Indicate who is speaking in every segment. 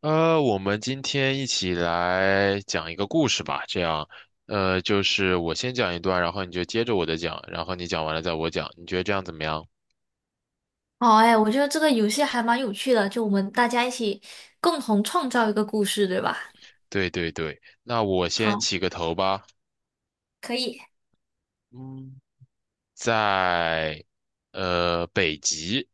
Speaker 1: 我们今天一起来讲一个故事吧，这样，就是我先讲一段，然后你就接着我的讲，然后你讲完了再我讲，你觉得这样怎么样？
Speaker 2: 好哎，我觉得这个游戏还蛮有趣的，就我们大家一起共同创造一个故事，对吧？
Speaker 1: 对对对，那我先
Speaker 2: 好，
Speaker 1: 起个头吧。
Speaker 2: 可以。
Speaker 1: 嗯，在北极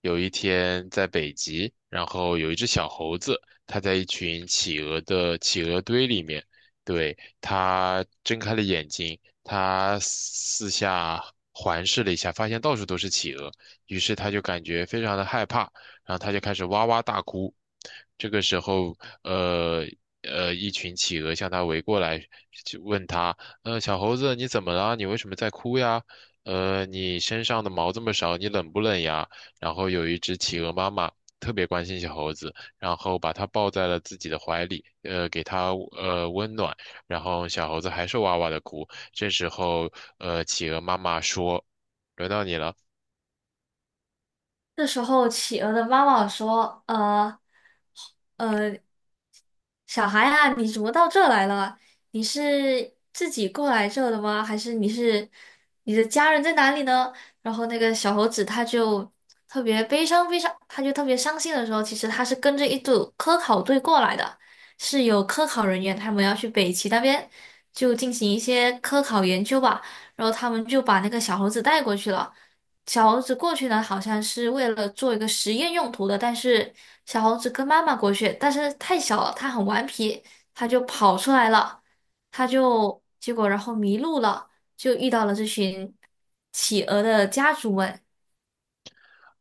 Speaker 1: 有一天在北极，然后有一只小猴子，它在一群企鹅的企鹅堆里面，对，它睁开了眼睛，它四下环视了一下，发现到处都是企鹅，于是它就感觉非常的害怕，然后它就开始哇哇大哭。这个时候，呃一群企鹅向它围过来，就问它，呃，小猴子，你怎么了？你为什么在哭呀？呃，你身上的毛这么少，你冷不冷呀？然后有一只企鹅妈妈特别关心小猴子，然后把它抱在了自己的怀里，给它温暖，然后小猴子还是哇哇的哭。这时候，呃，企鹅妈妈说：“轮到你了，
Speaker 2: 这时候，企鹅的妈妈说：呃，小孩啊，你怎么到这来了？你是自己过来这的吗？还是你是你的家人在哪里呢？”然后那个小猴子他就特别悲伤，悲伤，他就特别伤心的时候，其实他是跟着一组科考队过来的，是有科考人员，他们要去北极那边就进行一些科考研究吧。然后他们就把那个小猴子带过去了。小猴子过去呢，好像是为了做一个实验用途的，但是小猴子跟妈妈过去，但是太小了，它很顽皮，它就跑出来了，它就结果然后迷路了，就遇到了这群企鹅的家族们，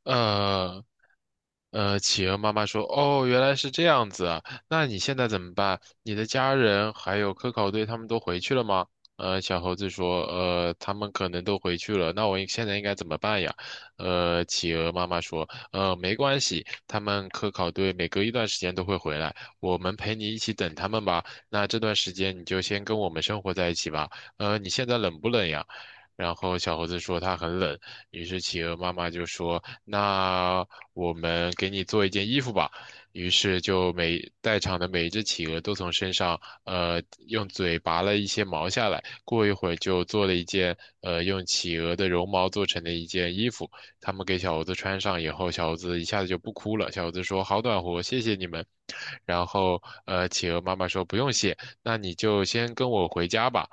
Speaker 1: 呃，企鹅妈妈说：“哦，原来是这样子啊，那你现在怎么办？你的家人还有科考队他们都回去了吗？”呃，小猴子说：“呃，他们可能都回去了，那我应现在应该怎么办呀？”呃，企鹅妈妈说：“呃，没关系，他们科考队每隔一段时间都会回来，我们陪你一起等他们吧。那这段时间你就先跟我们生活在一起吧。呃，你现在冷不冷呀？”然后小猴子说他很冷，于是企鹅妈妈就说：那我们给你做一件衣服吧。于是就每在场的每一只企鹅都从身上，用嘴拔了一些毛下来。过一会儿就做了一件，用企鹅的绒毛做成的一件衣服。他们给小猴子穿上以后，小猴子一下子就不哭了。小猴子说：“好暖和，谢谢你们。”然后，企鹅妈妈说：“不用谢，那你就先跟我回家吧。”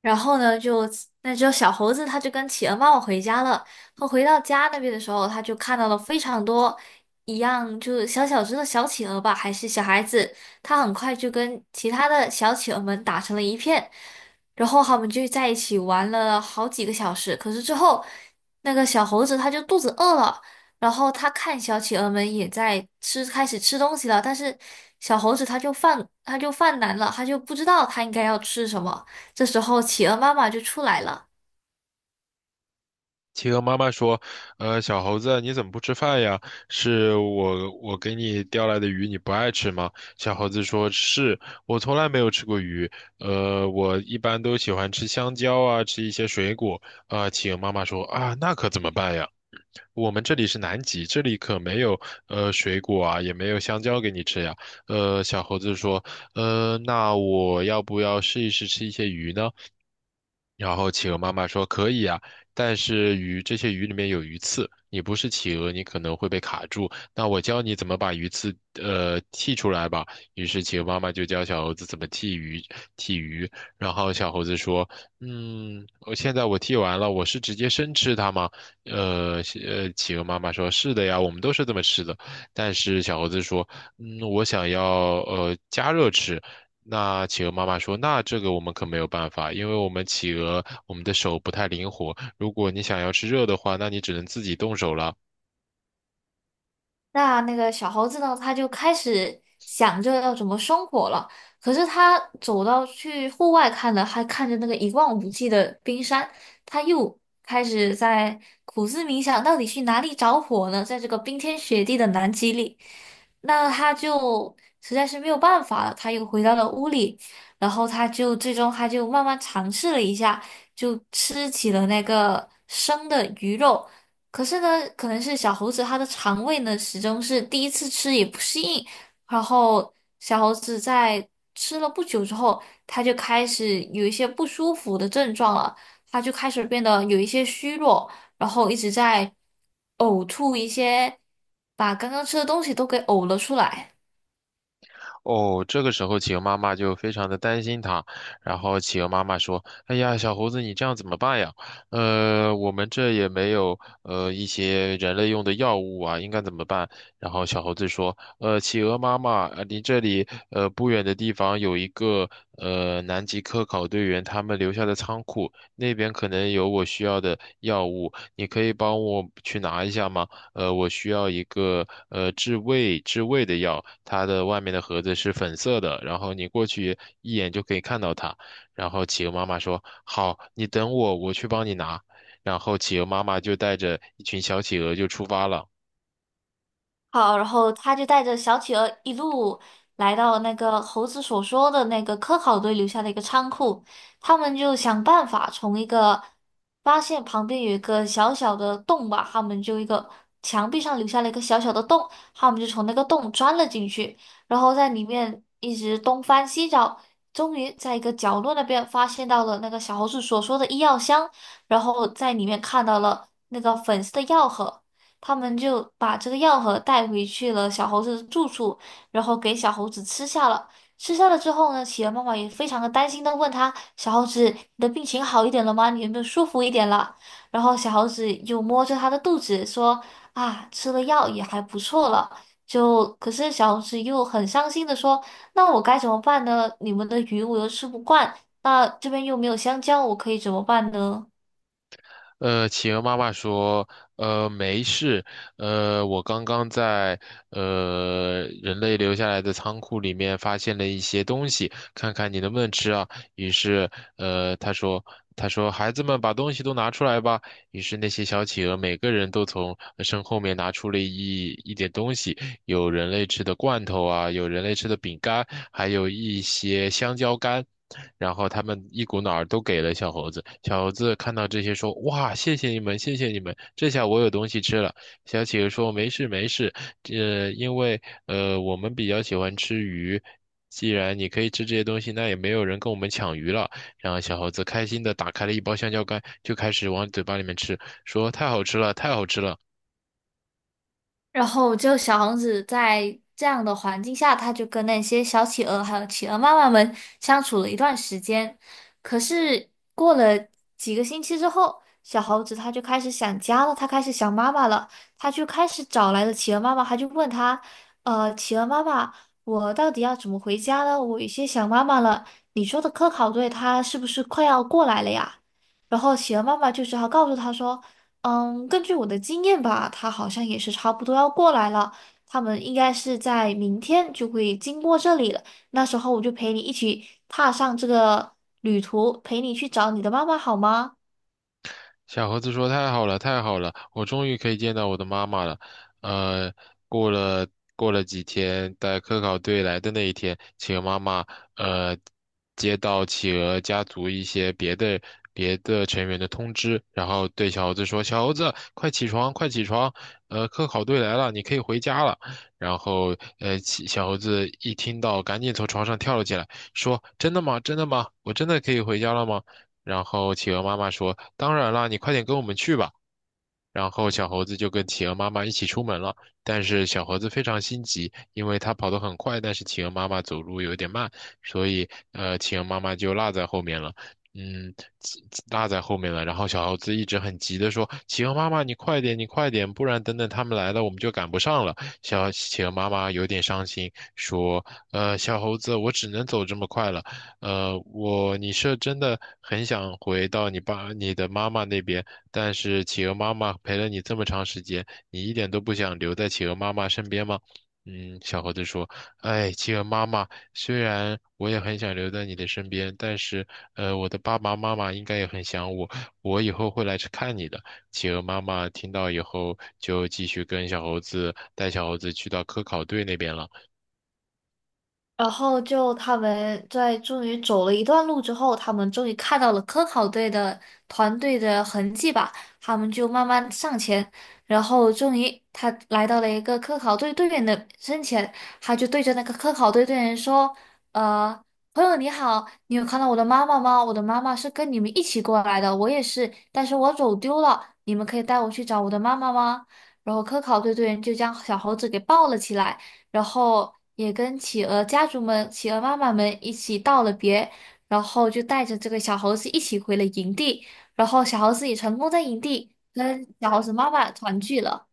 Speaker 2: 然后呢，就那只小猴子，它就跟企鹅妈妈回家了。它回到家那边的时候，它就看到了非常多一样，就是小小只的小企鹅吧，还是小孩子。它很快就跟其他的小企鹅们打成了一片，然后他们就在一起玩了好几个小时。可是之后，那个小猴子它就肚子饿了，然后它看小企鹅们也在吃，开始吃东西了，但是小猴子它就犯难了，它就不知道它应该要吃什么。这时候企鹅妈妈就出来了，
Speaker 1: 企鹅妈妈说：“呃，小猴子，你怎么不吃饭呀？是我给你钓来的鱼，你不爱吃吗？”小猴子说：“是，我从来没有吃过鱼，我一般都喜欢吃香蕉啊，吃一些水果。”啊，企鹅妈妈说：“啊，那可怎么办呀？”我们这里是南极，这里可没有水果啊，也没有香蕉给你吃呀。呃，小猴子说，呃，那我要不要试一试吃一些鱼呢？然后企鹅妈妈说可以啊，但是这些鱼里面有鱼刺，你不是企鹅，你可能会被卡住。那我教你怎么把鱼刺剔出来吧。于是企鹅妈妈就教小猴子怎么剔鱼，剔鱼。然后小猴子说，嗯，我现在剔完了，我是直接生吃它吗？企鹅妈妈说：“是的呀，我们都是这么吃的。”但是小猴子说：“嗯，我想要加热吃。”那企鹅妈妈说：“那这个我们可没有办法，因为我们企鹅的手不太灵活。如果你想要吃热的话，那你只能自己动手了。”
Speaker 2: 那那个小猴子呢，它就开始想着要怎么生火了。可是它走到去户外看了，还看着那个一望无际的冰山，它又开始在苦思冥想，到底去哪里找火呢？在这个冰天雪地的南极里，那它就实在是没有办法了，它又回到了屋里，然后它就最终慢慢尝试了一下，就吃起了那个生的鱼肉。可是呢，可能是小猴子它的肠胃呢，始终是第一次吃也不适应，然后小猴子在吃了不久之后，它就开始有一些不舒服的症状了，它就开始变得有一些虚弱，然后一直在呕吐一些，把刚刚吃的东西都给呕了出来。
Speaker 1: 哦，这个时候企鹅妈妈就非常的担心它，然后企鹅妈妈说：“哎呀，小猴子，你这样怎么办呀？呃，我们这也没有一些人类用的药物啊，应该怎么办？”然后小猴子说：“呃，企鹅妈妈，离这里不远的地方有一个南极科考队员他们留下的仓库，那边可能有我需要的药物，你可以帮我去拿一下吗？”呃，我需要一个治胃的药，它的外面的盒子是粉色的，然后你过去一眼就可以看到它。然后企鹅妈妈说：“好，你等我，我去帮你拿。”然后企鹅妈妈就带着一群小企鹅就出发了。
Speaker 2: 好，然后他就带着小企鹅一路来到那个猴子所说的那个科考队留下的一个仓库，他们就想办法从一个发现旁边有一个小小的洞吧，他们就一个墙壁上留下了一个小小的洞，他们就从那个洞钻了进去，然后在里面一直东翻西找，终于在一个角落那边发现到了那个小猴子所说的医药箱，然后在里面看到了那个粉色的药盒。他们就把这个药盒带回去了小猴子的住处，然后给小猴子吃下了。吃下了之后呢，企鹅妈妈也非常的担心的问他：“小猴子，你的病情好一点了吗？你有没有舒服一点了？”然后小猴子又摸着他的肚子说：“啊，吃了药也还不错了。”就可是小猴子又很伤心的说：“那我该怎么办呢？你们的鱼我又吃不惯，那这边又没有香蕉，我可以怎么办呢？”
Speaker 1: 呃，企鹅妈妈说，呃，没事，我刚刚在人类留下来的仓库里面发现了一些东西，看看你能不能吃啊。于是，呃，他说，他说，孩子们把东西都拿出来吧。于是那些小企鹅每个人都从身后面拿出了一点东西，有人类吃的罐头啊，有人类吃的饼干，还有一些香蕉干。然后他们一股脑儿都给了小猴子。小猴子看到这些说：“哇，谢谢你们，谢谢你们，这下我有东西吃了。”小企鹅说：“没事没事，因为我们比较喜欢吃鱼，既然你可以吃这些东西，那也没有人跟我们抢鱼了。”然后小猴子开心的打开了一包香蕉干，就开始往嘴巴里面吃，说：“太好吃了，太好吃了。”
Speaker 2: 然后就小王子在这样的环境下，他就跟那些小企鹅还有企鹅妈妈们相处了一段时间。可是过了几个星期之后，小猴子他就开始想家了，他开始想妈妈了，他就开始找来了企鹅妈妈，他就问他，企鹅妈妈，我到底要怎么回家呢？我有些想妈妈了。你说的科考队，他是不是快要过来了呀？然后企鹅妈妈就只好告诉他说。嗯，根据我的经验吧，他好像也是差不多要过来了。他们应该是在明天就会经过这里了。那时候我就陪你一起踏上这个旅途，陪你去找你的妈妈，好吗？
Speaker 1: 小猴子说：“太好了，太好了，我终于可以见到我的妈妈了。”呃，过了过了几天，在科考队来的那一天，企鹅妈妈呃接到企鹅家族一些别的成员的通知，然后对小猴子说：“小猴子，快起床，快起床！呃，科考队来了，你可以回家了。”然后小猴子一听到，赶紧从床上跳了起来，说：“真的吗？真的吗？我真的可以回家了吗？”然后企鹅妈妈说：“当然啦，你快点跟我们去吧。”然后小猴子就跟企鹅妈妈一起出门了。但是小猴子非常心急，因为它跑得很快，但是企鹅妈妈走路有点慢，所以企鹅妈妈就落在后面了。嗯，企落在后面了。然后小猴子一直很急的说：“企鹅妈妈，你快点，你快点，不然等等他们来了，我们就赶不上了。”小企鹅妈妈有点伤心，说：“呃，小猴子，我只能走这么快了。呃，你是真的很想回到你爸、你的妈妈那边，但是企鹅妈妈陪了你这么长时间，你一点都不想留在企鹅妈妈身边吗？嗯，小猴子说：“哎，企鹅妈妈，虽然我也很想留在你的身边，但是，我的爸爸妈妈应该也很想我，我以后会来去看你的。”企鹅妈妈听到以后，就继续跟小猴子带小猴子去到科考队那边了。
Speaker 2: 然后就他们在终于走了一段路之后，他们终于看到了科考队的团队的痕迹吧，他们就慢慢上前，然后终于他来到了一个科考队队员的身前，他就对着那个科考队队员说：“呃，朋友你好，你有看到我的妈妈吗？我的妈妈是跟你们一起过来的，我也是，但是我走丢了，你们可以带我去找我的妈妈吗？”然后科考队队员就将小猴子给抱了起来。然后也跟企鹅家族们、企鹅妈妈们一起道了别，然后就带着这个小猴子一起回了营地，然后小猴子也成功在营地跟小猴子妈妈团聚了。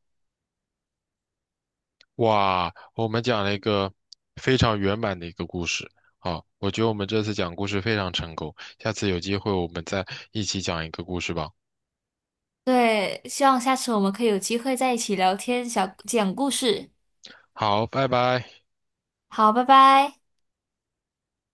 Speaker 1: 哇，我们讲了一个非常圆满的一个故事。好，我觉得我们这次讲故事非常成功，下次有机会我们再一起讲一个故事吧。
Speaker 2: 对，希望下次我们可以有机会在一起聊天，小讲故事。
Speaker 1: 好，拜拜。
Speaker 2: 好，拜拜。